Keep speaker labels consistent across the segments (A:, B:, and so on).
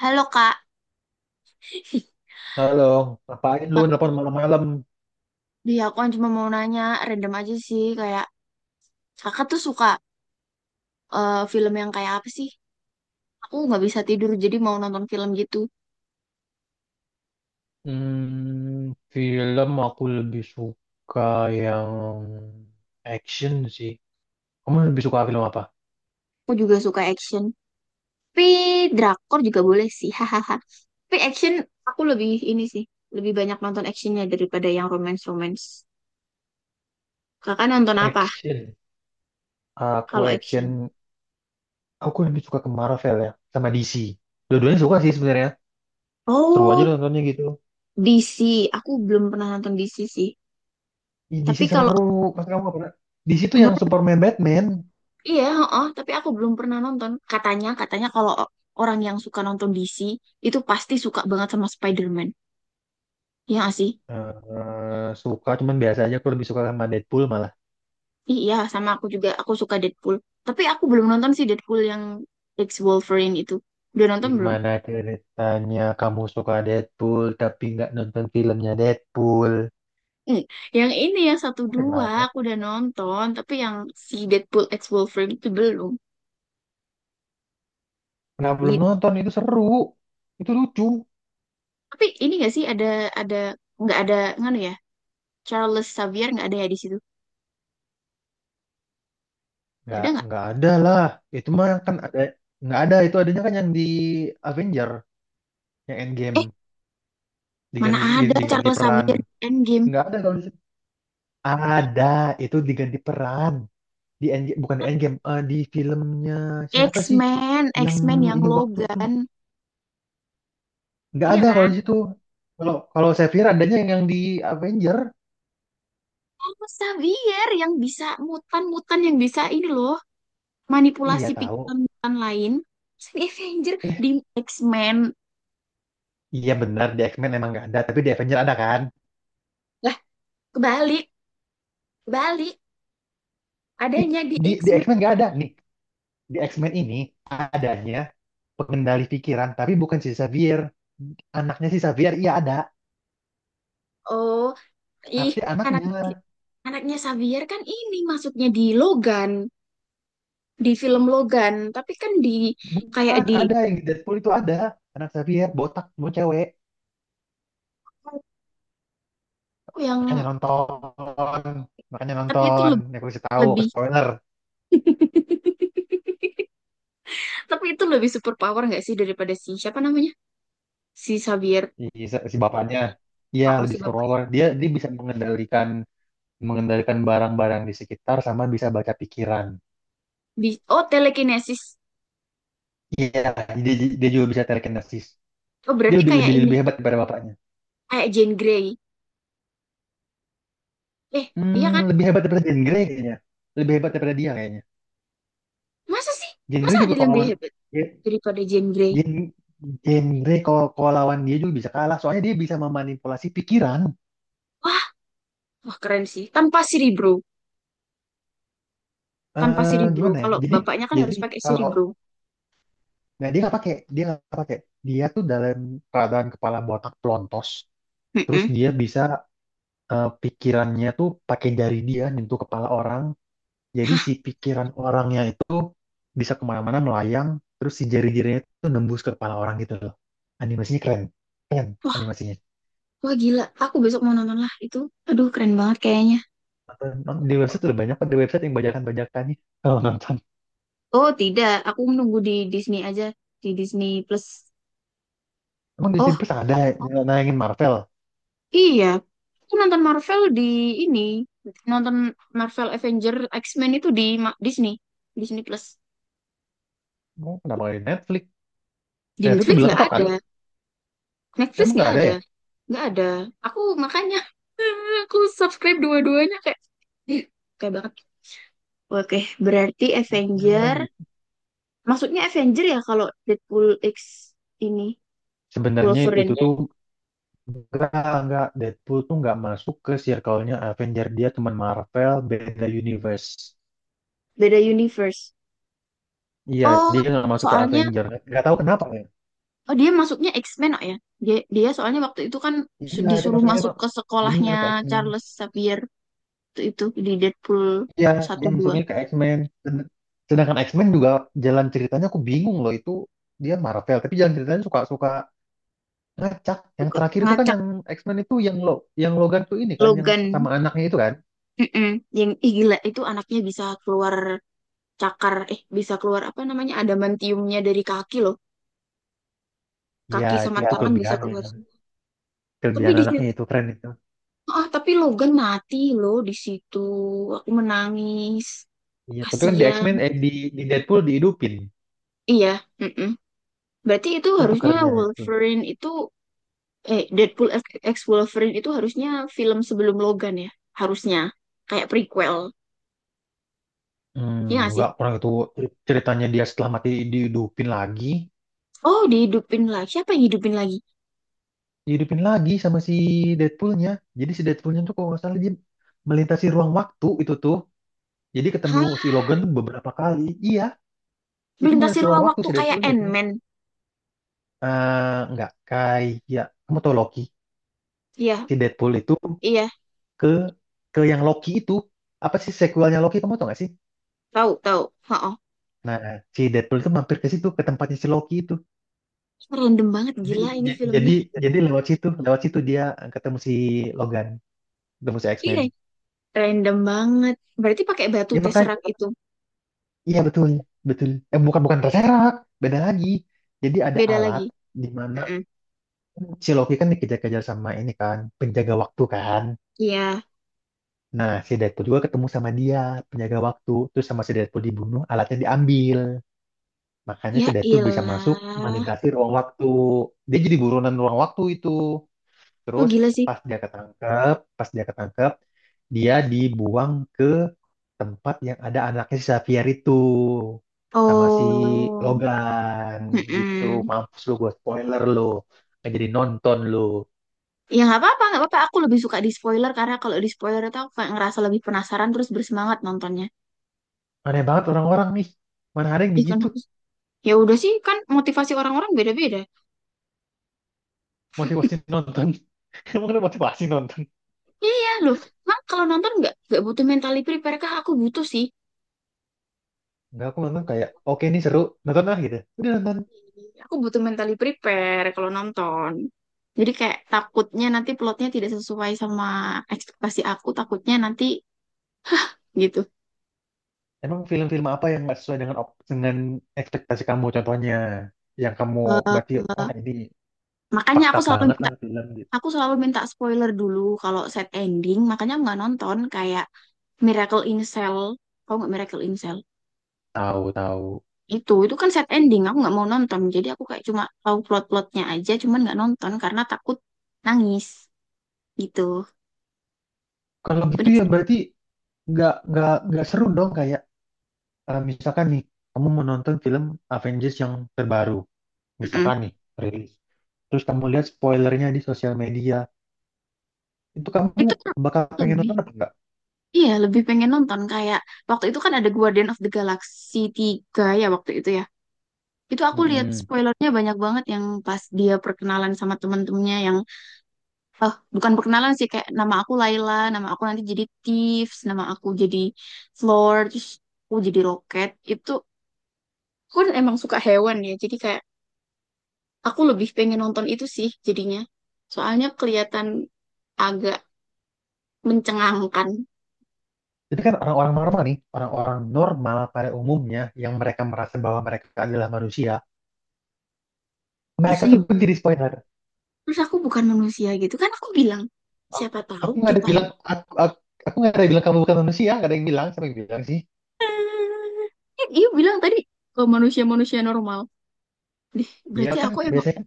A: Halo Kak,
B: Halo, ngapain lu nelpon malam-malam?
A: dia aku kan cuma mau nanya random aja sih kayak Kakak tuh suka film yang kayak apa sih? Aku nggak bisa tidur jadi mau nonton film gitu.
B: Film aku lebih suka yang action sih. Kamu lebih suka film apa?
A: Aku juga suka action, tapi drakor juga boleh sih, hahaha. Tapi action aku lebih ini sih, lebih banyak nonton actionnya daripada yang romance-romance. Kakak nonton apa
B: Action. Aku
A: kalau
B: action.
A: action?
B: Aku lebih suka ke Marvel ya, sama DC. Dua-duanya suka sih sebenarnya. Seru aja
A: Oh,
B: nontonnya gitu.
A: DC. Aku belum pernah nonton DC sih.
B: Ih, DC
A: Tapi kalau
B: seru. Pasti kamu nggak pernah. DC tuh yang Superman, Batman.
A: Iya, heeh, tapi aku belum pernah nonton. Katanya, kalau orang yang suka nonton DC itu pasti suka banget sama Spider-Man. Iya nggak sih?
B: Suka, cuman biasa aja. Aku lebih suka sama Deadpool malah.
A: Ih, iya, sama aku juga. Aku suka Deadpool. Tapi aku belum nonton sih Deadpool yang X Wolverine itu. Udah nonton belum?
B: Gimana ceritanya kamu suka Deadpool tapi nggak nonton filmnya Deadpool?
A: Hmm. Yang ini yang satu
B: Aneh
A: dua
B: banget.
A: aku udah nonton, tapi yang si Deadpool X Wolverine itu belum.
B: Kenapa belum
A: Gitu.
B: nonton? Itu seru. Itu lucu.
A: Tapi ini gak sih ada nggak ada nganu ya? Charles Xavier nggak ada ya di situ? Ada nggak?
B: Nggak ada lah. Itu mah kan ada, nggak ada. Itu adanya kan yang di Avenger, yang Endgame
A: Eh, mana
B: diganti
A: ada
B: diganti
A: Charles
B: peran.
A: Xavier di Endgame?
B: Nggak ada kalau di situ. Ada, itu diganti peran di Endgame, bukan di Endgame, di filmnya siapa sih,
A: X-Men,
B: yang
A: X-Men yang
B: ini waktu tuh
A: Logan.
B: nggak
A: Iya
B: ada kalau
A: kan?
B: di situ, kalau kalau Xavier adanya yang di Avenger.
A: Sama Xavier yang bisa mutan-mutan yang bisa ini loh,
B: Iya
A: manipulasi
B: tahu.
A: pikiran mutan lain. Terus di Avenger,
B: Eh,
A: di X-Men.
B: iya benar, di X-Men emang nggak ada, tapi di Avenger ada kan.
A: Lah, kebalik, kebalik.
B: Ih,
A: Adanya di
B: di
A: X-Men.
B: X-Men nggak ada nih, di X-Men ini adanya pengendali pikiran tapi bukan si Xavier. Anaknya si Xavier iya ada,
A: Oh, ih,
B: tapi
A: anak
B: anaknya
A: si, anaknya Xavier kan ini masuknya di Logan, di film Logan, tapi kan di kayak
B: bukan.
A: di
B: Ada yang di Deadpool itu ada anak Xavier botak mau cewek.
A: oh, yang
B: Makanya nonton, makanya
A: tapi itu
B: nonton,
A: lebih,
B: ya aku kasih tahu ke
A: lebih
B: spoiler.
A: tapi itu lebih super power nggak sih daripada si siapa namanya? Si Xavier.
B: I- si si bapaknya ya
A: Oh, oh, si
B: lebih
A: bapaknya.
B: superpower, dia dia bisa mengendalikan mengendalikan barang-barang di sekitar sama bisa baca pikiran.
A: Oh, telekinesis.
B: Iya, dia, dia juga bisa telekinesis.
A: Oh
B: Dia
A: berarti
B: lebih
A: kayak
B: lebih
A: ini,
B: lebih hebat daripada bapaknya.
A: kayak Jane Grey. eh iya kan?
B: Lebih hebat daripada Jean Grey kayaknya. Lebih hebat daripada dia kayaknya.
A: Masa sih?
B: Jean
A: Masa
B: Grey
A: ada
B: juga
A: yang
B: kalau
A: lebih
B: lawan.
A: hebat
B: Ye-
A: daripada Jane Grey?
B: Jean Jean Grey kalau kalau lawan dia juga bisa kalah, soalnya dia bisa memanipulasi pikiran.
A: Wah, wah, keren sih tanpa Cerebro. Tanpa
B: eh
A: Cerebro,
B: gimana ya,
A: kalau
B: jadi,
A: bapaknya kan
B: jadi
A: harus pakai
B: kalau,
A: Cerebro.
B: nah, dia nggak pakai, dia tuh dalam keadaan kepala botak pelontos. Terus
A: Mm-mm.
B: dia bisa, pikirannya tuh pakai jari, dia nyentuh kepala orang. Jadi
A: Hah,
B: si pikiran orangnya itu bisa kemana-mana melayang. Terus si jari-jarinya tuh nembus ke kepala orang gitu loh. Animasinya keren. Keren
A: wah,
B: animasinya.
A: wah, gila, aku besok mau nonton lah itu. Aduh, keren banget kayaknya.
B: Di website udah banyak kok. Di website yang bajakan-bajakannya. Kalau nonton.
A: Oh tidak, aku menunggu di Disney aja, di Disney Plus.
B: Emang Disney
A: Oh,
B: Plus ada ya, yang nayangin Marvel?
A: iya, aku nonton Marvel di ini, nonton Marvel Avenger X-Men itu di Disney, Disney Plus.
B: Emang kenapa nggak di Netflix?
A: Di
B: Netflix lebih lengkap kali.
A: Netflix
B: Emang
A: nggak
B: nggak ada
A: ada,
B: ya?
A: nggak ada. Aku makanya aku subscribe dua-duanya kayak, ih, kayak banget. Oke, berarti
B: Oh,
A: Avenger,
B: gitu.
A: maksudnya Avenger ya kalau Deadpool X ini,
B: Sebenarnya itu
A: Wolverine,
B: tuh, enggak, enggak. Deadpool tuh enggak masuk ke circle-nya Avenger. Dia teman Marvel, beda universe.
A: beda universe.
B: Iya,
A: Oh,
B: dia enggak masuk ke
A: soalnya.
B: Avenger. Enggak tahu kenapa ya.
A: Oh dia masuknya X-Men, oh ya. Dia soalnya waktu itu kan
B: Iya, dia
A: disuruh
B: masuknya
A: masuk
B: emang
A: ke
B: bener
A: sekolahnya
B: ke X-Men.
A: Charles Xavier itu di Deadpool
B: Iya,
A: satu
B: dia
A: dua.
B: masuknya ke X-Men. Sedangkan X-Men
A: Oh,
B: juga jalan ceritanya aku bingung loh itu. Dia Marvel, tapi jalan ceritanya suka-suka ngacak.
A: tuh,
B: Yang terakhir itu kan
A: ngacak.
B: yang X-Men itu yang lo, yang Logan tuh ini kan yang
A: Logan.
B: sama anaknya itu kan.
A: Mm-mm. Yang ih, gila itu anaknya bisa keluar cakar, bisa keluar apa namanya adamantiumnya dari kaki loh.
B: Iya,
A: Kaki
B: itu
A: sama ya,
B: itu
A: tangan bisa
B: kelebihannya.
A: keluar semua. Tapi
B: Kelebihan
A: di
B: anaknya
A: situ,
B: itu keren itu.
A: ah tapi Logan mati loh di situ. Aku menangis.
B: Iya, tapi kan di
A: Kasian.
B: X-Men, di Deadpool dihidupin.
A: Iya, mm-mm. Berarti itu
B: Itu
A: harusnya
B: kerennya Deadpool.
A: Wolverine itu, Deadpool X X Wolverine itu harusnya film sebelum Logan ya, harusnya kayak prequel,
B: Hmm,
A: ya gak sih?
B: nggak kurang itu ceritanya, dia setelah mati dihidupin lagi,
A: Oh dihidupin lagi, siapa yang hidupin lagi?
B: sama si Deadpoolnya. Jadi si Deadpoolnya tuh, kalau nggak salah, dia melintasi ruang waktu itu tuh. Jadi ketemu si
A: Hah,
B: Logan beberapa kali. Iya, itu
A: melintasi
B: melintasi ruang
A: ruang
B: waktu
A: waktu
B: si
A: kayak
B: Deadpoolnya itu.
A: Ant-Man?
B: Eh, nggak, kayak kamu tau Loki.
A: Iya,
B: Si Deadpool itu
A: iya
B: ke ke yang Loki itu, apa sih sequelnya Loki, kamu tau nggak sih?
A: tahu tahu. Oh,
B: Nah, si Deadpool itu mampir ke situ, ke tempatnya si Loki itu.
A: random banget,
B: Jadi,
A: gila ini
B: j-
A: filmnya.
B: jadi lewat situ dia ketemu si Logan, ketemu si
A: Iya,
B: X-Men.
A: random banget, berarti pakai batu
B: Ya makanya,
A: Tesseract itu?
B: iya betul, betul. Eh, bukan bukan terserak, beda lagi. Jadi ada
A: Beda
B: alat
A: lagi.
B: di mana
A: Mm-mm.
B: si Loki kan dikejar-kejar sama ini kan, penjaga waktu kan.
A: Iya.
B: Nah, si Deadpool juga ketemu sama dia, penjaga waktu. Terus sama si Deadpool dibunuh, alatnya diambil. Makanya
A: Ya
B: si Deadpool bisa masuk
A: ilah.
B: melintasi ruang waktu. Dia jadi buronan ruang waktu itu.
A: Oh
B: Terus
A: gila sih.
B: pas dia ketangkep, dia dibuang ke tempat yang ada anaknya si Xavier itu sama si
A: Oh.
B: Logan gitu.
A: Mm.
B: Mampus lu, gue spoiler lu. Nggak jadi nonton lu.
A: Ya nggak apa-apa, nggak apa-apa. Aku lebih suka di spoiler karena kalau di spoiler itu aku kayak ngerasa lebih penasaran terus bersemangat nontonnya.
B: Aneh banget orang-orang nih. Mana ada yang
A: Ih, kan
B: begitu
A: ya udah sih, kan motivasi orang-orang beda-beda.
B: motivasi nonton. Emang ada motivasi nonton?
A: Iya iya, loh, kan kalau nonton nggak butuh mentally prepare kah? Aku butuh sih.
B: Enggak, aku nonton kayak, oke ini seru, nonton lah gitu. Udah nonton.
A: Aku butuh mentally prepare kalau nonton. Jadi kayak takutnya nanti plotnya tidak sesuai sama ekspektasi aku, takutnya nanti gitu.
B: Emang film-film apa yang nggak sesuai dengan ekspektasi kamu contohnya? Yang kamu berarti, ah, ini
A: Makanya
B: fakta
A: aku selalu,
B: banget lah film gitu.
A: aku selalu minta spoiler dulu kalau set ending, makanya aku nggak nonton kayak Miracle in Cell. Tahu nggak Miracle in Cell?
B: Tahu, tahu.
A: Itu kan set ending aku nggak mau nonton, jadi aku kayak cuma tahu plot-plotnya aja cuman nggak nonton karena takut nangis gitu.
B: Kalau gitu
A: Udah
B: ya
A: sih.
B: berarti nggak seru dong, kayak, misalkan nih kamu mau nonton film Avengers yang terbaru,
A: Mm-mm.
B: misalkan nih, rilis. Terus kamu lihat spoilernya di sosial media, itu kamu
A: Itu kan
B: bakal pengen
A: lebih,
B: nonton apa enggak?
A: iya lebih pengen nonton kayak waktu itu kan ada Guardian of the Galaxy 3 ya waktu itu ya, itu aku lihat
B: Mm-mm.
A: spoilernya banyak banget yang pas dia perkenalan sama teman-temannya yang, bukan perkenalan sih, kayak nama aku Laila, nama aku nanti jadi Thieves, nama aku jadi Floor, terus aku jadi Rocket itu. Aku kan emang suka hewan ya, jadi kayak aku lebih pengen nonton itu sih jadinya. Soalnya kelihatan agak mencengangkan.
B: Jadi kan orang-orang normal nih, orang-orang normal pada umumnya yang mereka merasa bahwa mereka adalah manusia,
A: Terus,
B: mereka tuh menjadi spoiler.
A: terus aku bukan manusia gitu kan aku bilang,
B: Aku
A: siapa tahu
B: aku nggak ada
A: kita
B: bilang
A: ini.
B: aku, aku nggak ada bilang kamu bukan manusia, nggak ada yang bilang, siapa yang bilang sih?
A: Eh, dia bilang tadi ke manusia-manusia normal. Dih,
B: Ya
A: berarti
B: kan
A: aku emang
B: biasanya kan,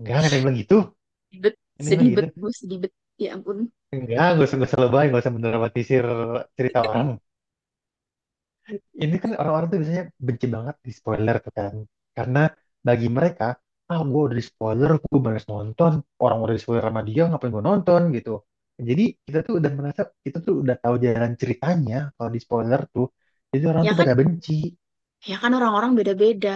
B: enggak ada yang bilang gitu.
A: sedih bet,
B: Ini
A: sedih
B: bilang gitu.
A: bet, gue sedih bet. Ya ampun.
B: Enggak, gak usah lebay, gak usah mendramatisir cerita orang. Ini kan orang-orang tuh biasanya benci banget di spoiler tuh kan. Karena bagi mereka, ah, gue udah di spoiler, gue baru nonton. Orang udah di spoiler sama dia, ngapain gue nonton gitu. Jadi kita tuh udah merasa, kita tuh udah tahu jalan ceritanya kalau di spoiler tuh. Jadi orang
A: Ya
B: tuh
A: kan
B: pada benci.
A: Ya kan orang-orang beda-beda.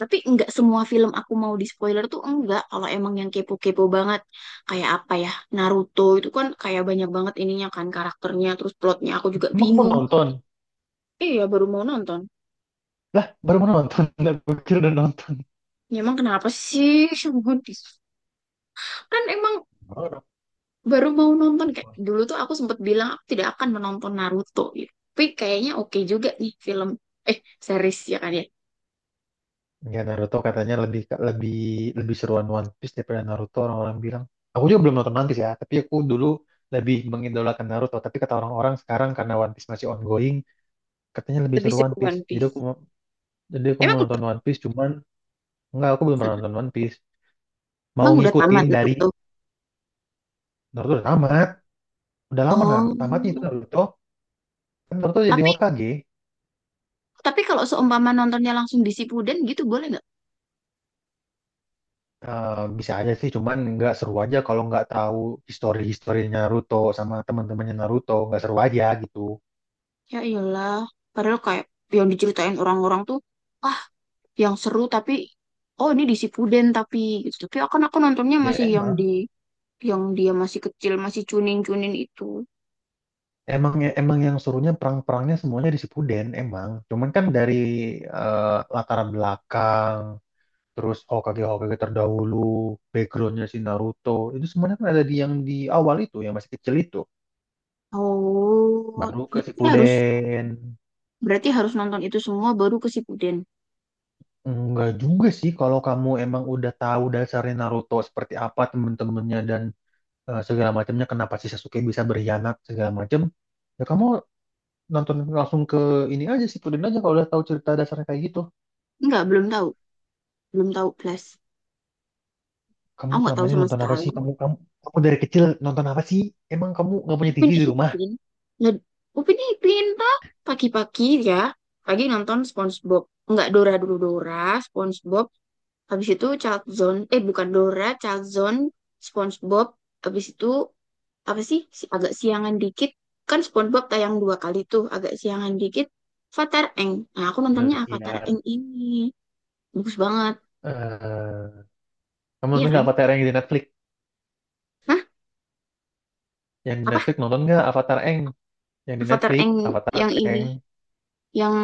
A: Tapi nggak semua film aku mau di spoiler tuh, enggak. Kalau emang yang kepo-kepo banget. Kayak apa ya? Naruto itu kan kayak banyak banget ininya kan karakternya. Terus plotnya aku juga
B: Emang mau
A: bingung.
B: nonton?
A: Iya ya, baru mau nonton.
B: Lah, baru mau nonton. Udah pikir udah nonton.
A: Ya, emang kenapa sih? Semua di kan emang
B: Baru
A: baru mau nonton. Kayak
B: nonton.
A: dulu tuh aku sempat bilang aku tidak akan menonton Naruto. Gitu. Tapi kayaknya oke juga nih film. Eh, series ya kan ya.
B: Ya Naruto katanya lebih, lebih lebih seruan One Piece daripada Naruto, orang-orang bilang. Aku juga belum nonton One Piece ya, tapi aku dulu lebih mengidolakan Naruto. Tapi kata orang-orang sekarang, karena One Piece masih ongoing, katanya lebih
A: Lebih
B: seru
A: seru
B: One Piece.
A: One Piece.
B: Jadi aku mau
A: Emang
B: nonton
A: udah,
B: One Piece, cuman enggak, aku belum pernah nonton One Piece. Mau
A: emang udah tamat
B: ngikutin dari
A: Naruto.
B: Naruto udah tamat, udah lama nah, tamatnya itu
A: Oh,
B: Naruto. Kan Naruto jadi
A: tapi
B: Hokage.
A: Tapi kalau seumpama nontonnya langsung di Sipuden gitu boleh nggak?
B: Bisa aja sih, cuman nggak seru aja kalau nggak tahu histori-historinya Naruto sama teman-temannya Naruto, nggak seru aja gitu.
A: Ya iyalah. Padahal kayak yang diceritain orang-orang tuh, ah yang seru tapi, oh ini di Sipuden tapi, gitu. Tapi akan aku nontonnya
B: Ya
A: masih yang di
B: emang.
A: yang dia masih kecil, masih cunin-cunin itu.
B: Emang ya, emang yang serunya perang-perangnya semuanya di Shippuden emang. Cuman kan dari, eh, latar belakang, terus Hokage-Hokage terdahulu, backgroundnya si Naruto, itu semuanya kan ada di yang di awal itu, yang masih kecil itu.
A: Oh,
B: Baru ke
A: berarti harus,
B: Shippuden.
A: berarti harus nonton itu semua baru ke Sipuden.
B: Enggak juga sih kalau kamu emang udah tahu dasarnya Naruto seperti apa, temen-temennya, dan segala macamnya, kenapa si Sasuke bisa berkhianat segala macam. Ya kamu nonton langsung ke ini aja, Shippuden aja, kalau udah tahu cerita dasarnya kayak gitu.
A: Enggak, belum tahu. Belum tahu plus.
B: Kamu
A: Aku nggak
B: selama
A: tahu
B: ini
A: sama
B: nonton apa
A: sekali.
B: sih? Kamu kamu kamu dari kecil nonton apa sih? Emang kamu nggak punya
A: Upin
B: TV di rumah?
A: Ipin. Lah, Upin Ipin Pak. Pagi-pagi ya. Pagi nonton SpongeBob. Nggak, Dora dulu, Dora, SpongeBob. Habis itu Child Zone. Eh bukan Dora, Child Zone, SpongeBob. Habis itu apa sih? Agak siangan dikit. Kan SpongeBob tayang dua kali tuh. Agak siangan dikit. Avatar Eng. Nah aku nontonnya Avatar
B: Indosiar.
A: Eng ini. Bagus banget.
B: Eh, kamu
A: Iya
B: nonton nggak
A: kan?
B: Avatar yang di Netflix?
A: Hah?
B: Yang di
A: Apa?
B: Netflix nonton nggak Avatar Eng? Yang di
A: Avatar
B: Netflix
A: Eng
B: Avatar
A: yang
B: Eng
A: ini. Yang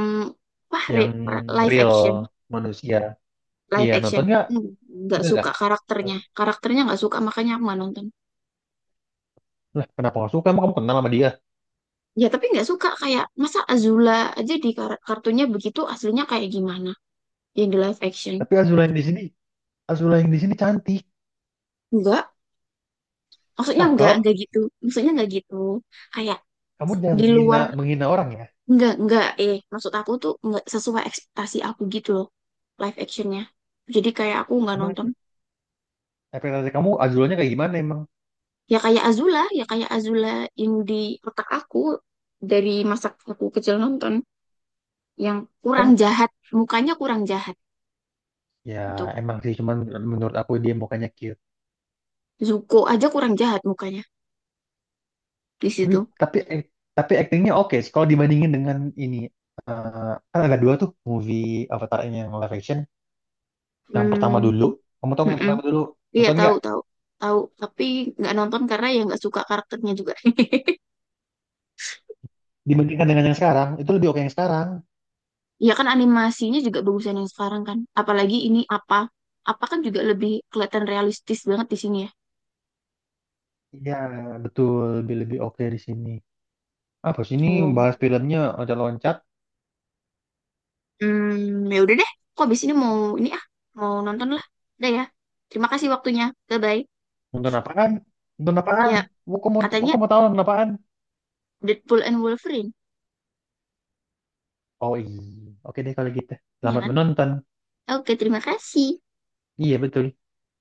A: apa?
B: yang
A: Live
B: real
A: action.
B: manusia. Iya
A: Live action.
B: nonton nggak?
A: Hmm, nggak
B: Nggak, nggak.
A: suka karakternya, karakternya nggak suka makanya aku nggak nonton.
B: Lah, kenapa nggak suka? Emang kamu kenal sama dia?
A: Ya tapi nggak suka kayak masa Azula aja di kartunya begitu, aslinya kayak gimana yang di live action.
B: Tapi Azula yang di sini, Azula yang di sini cantik,
A: Enggak, maksudnya enggak
B: cakep.
A: enggak gitu, maksudnya nggak gitu kayak
B: Kamu jangan
A: di
B: menghina
A: luar.
B: menghina orang ya.
A: Nggak eh Maksud aku tuh nggak sesuai ekspektasi aku gitu loh, live actionnya, jadi kayak aku nggak
B: Emang
A: nonton.
B: ekspektasi kamu Azulanya kayak gimana emang?
A: Ya kayak Azula, ya kayak Azula yang di otak aku dari masa aku kecil nonton, yang kurang
B: Kan
A: jahat mukanya, kurang jahat
B: ya
A: itu.
B: emang sih, cuman menurut aku dia mukanya cute,
A: Zuko aja kurang jahat mukanya di
B: tapi
A: situ.
B: tapi act- tapi aktingnya oke sih. Kalau dibandingin dengan ini, kan ada dua tuh movie Avatar ini yang live action, yang pertama
A: Hmm.
B: dulu, kamu tahu kan yang
A: Mm-mm.
B: pertama dulu,
A: Iya
B: nonton
A: tahu
B: nggak,
A: tahu tahu, tapi nggak nonton karena ya nggak suka karakternya juga.
B: dibandingkan dengan yang sekarang, itu lebih oke yang sekarang.
A: Iya kan, animasinya juga bagusan yang sekarang kan, apalagi ini apa apa kan juga lebih kelihatan realistis banget di sini ya.
B: Iya betul. Lebih lebih oke di sini. Apa sih ini,
A: Oh.
B: bahas filmnya ada loncat.
A: Hmm, ya udah deh kok, abis ini mau ini ah, mau nonton lah. Udah ya, terima kasih waktunya, bye bye.
B: Nonton apaan, nonton apaan.
A: Ya,
B: Mau
A: katanya
B: kamu tahu nonton apaan?
A: Deadpool and Wolverine.
B: Oh iya. Oke deh kalau gitu.
A: Iya
B: Selamat
A: kan?
B: menonton.
A: Oke, terima kasih.
B: Iya betul.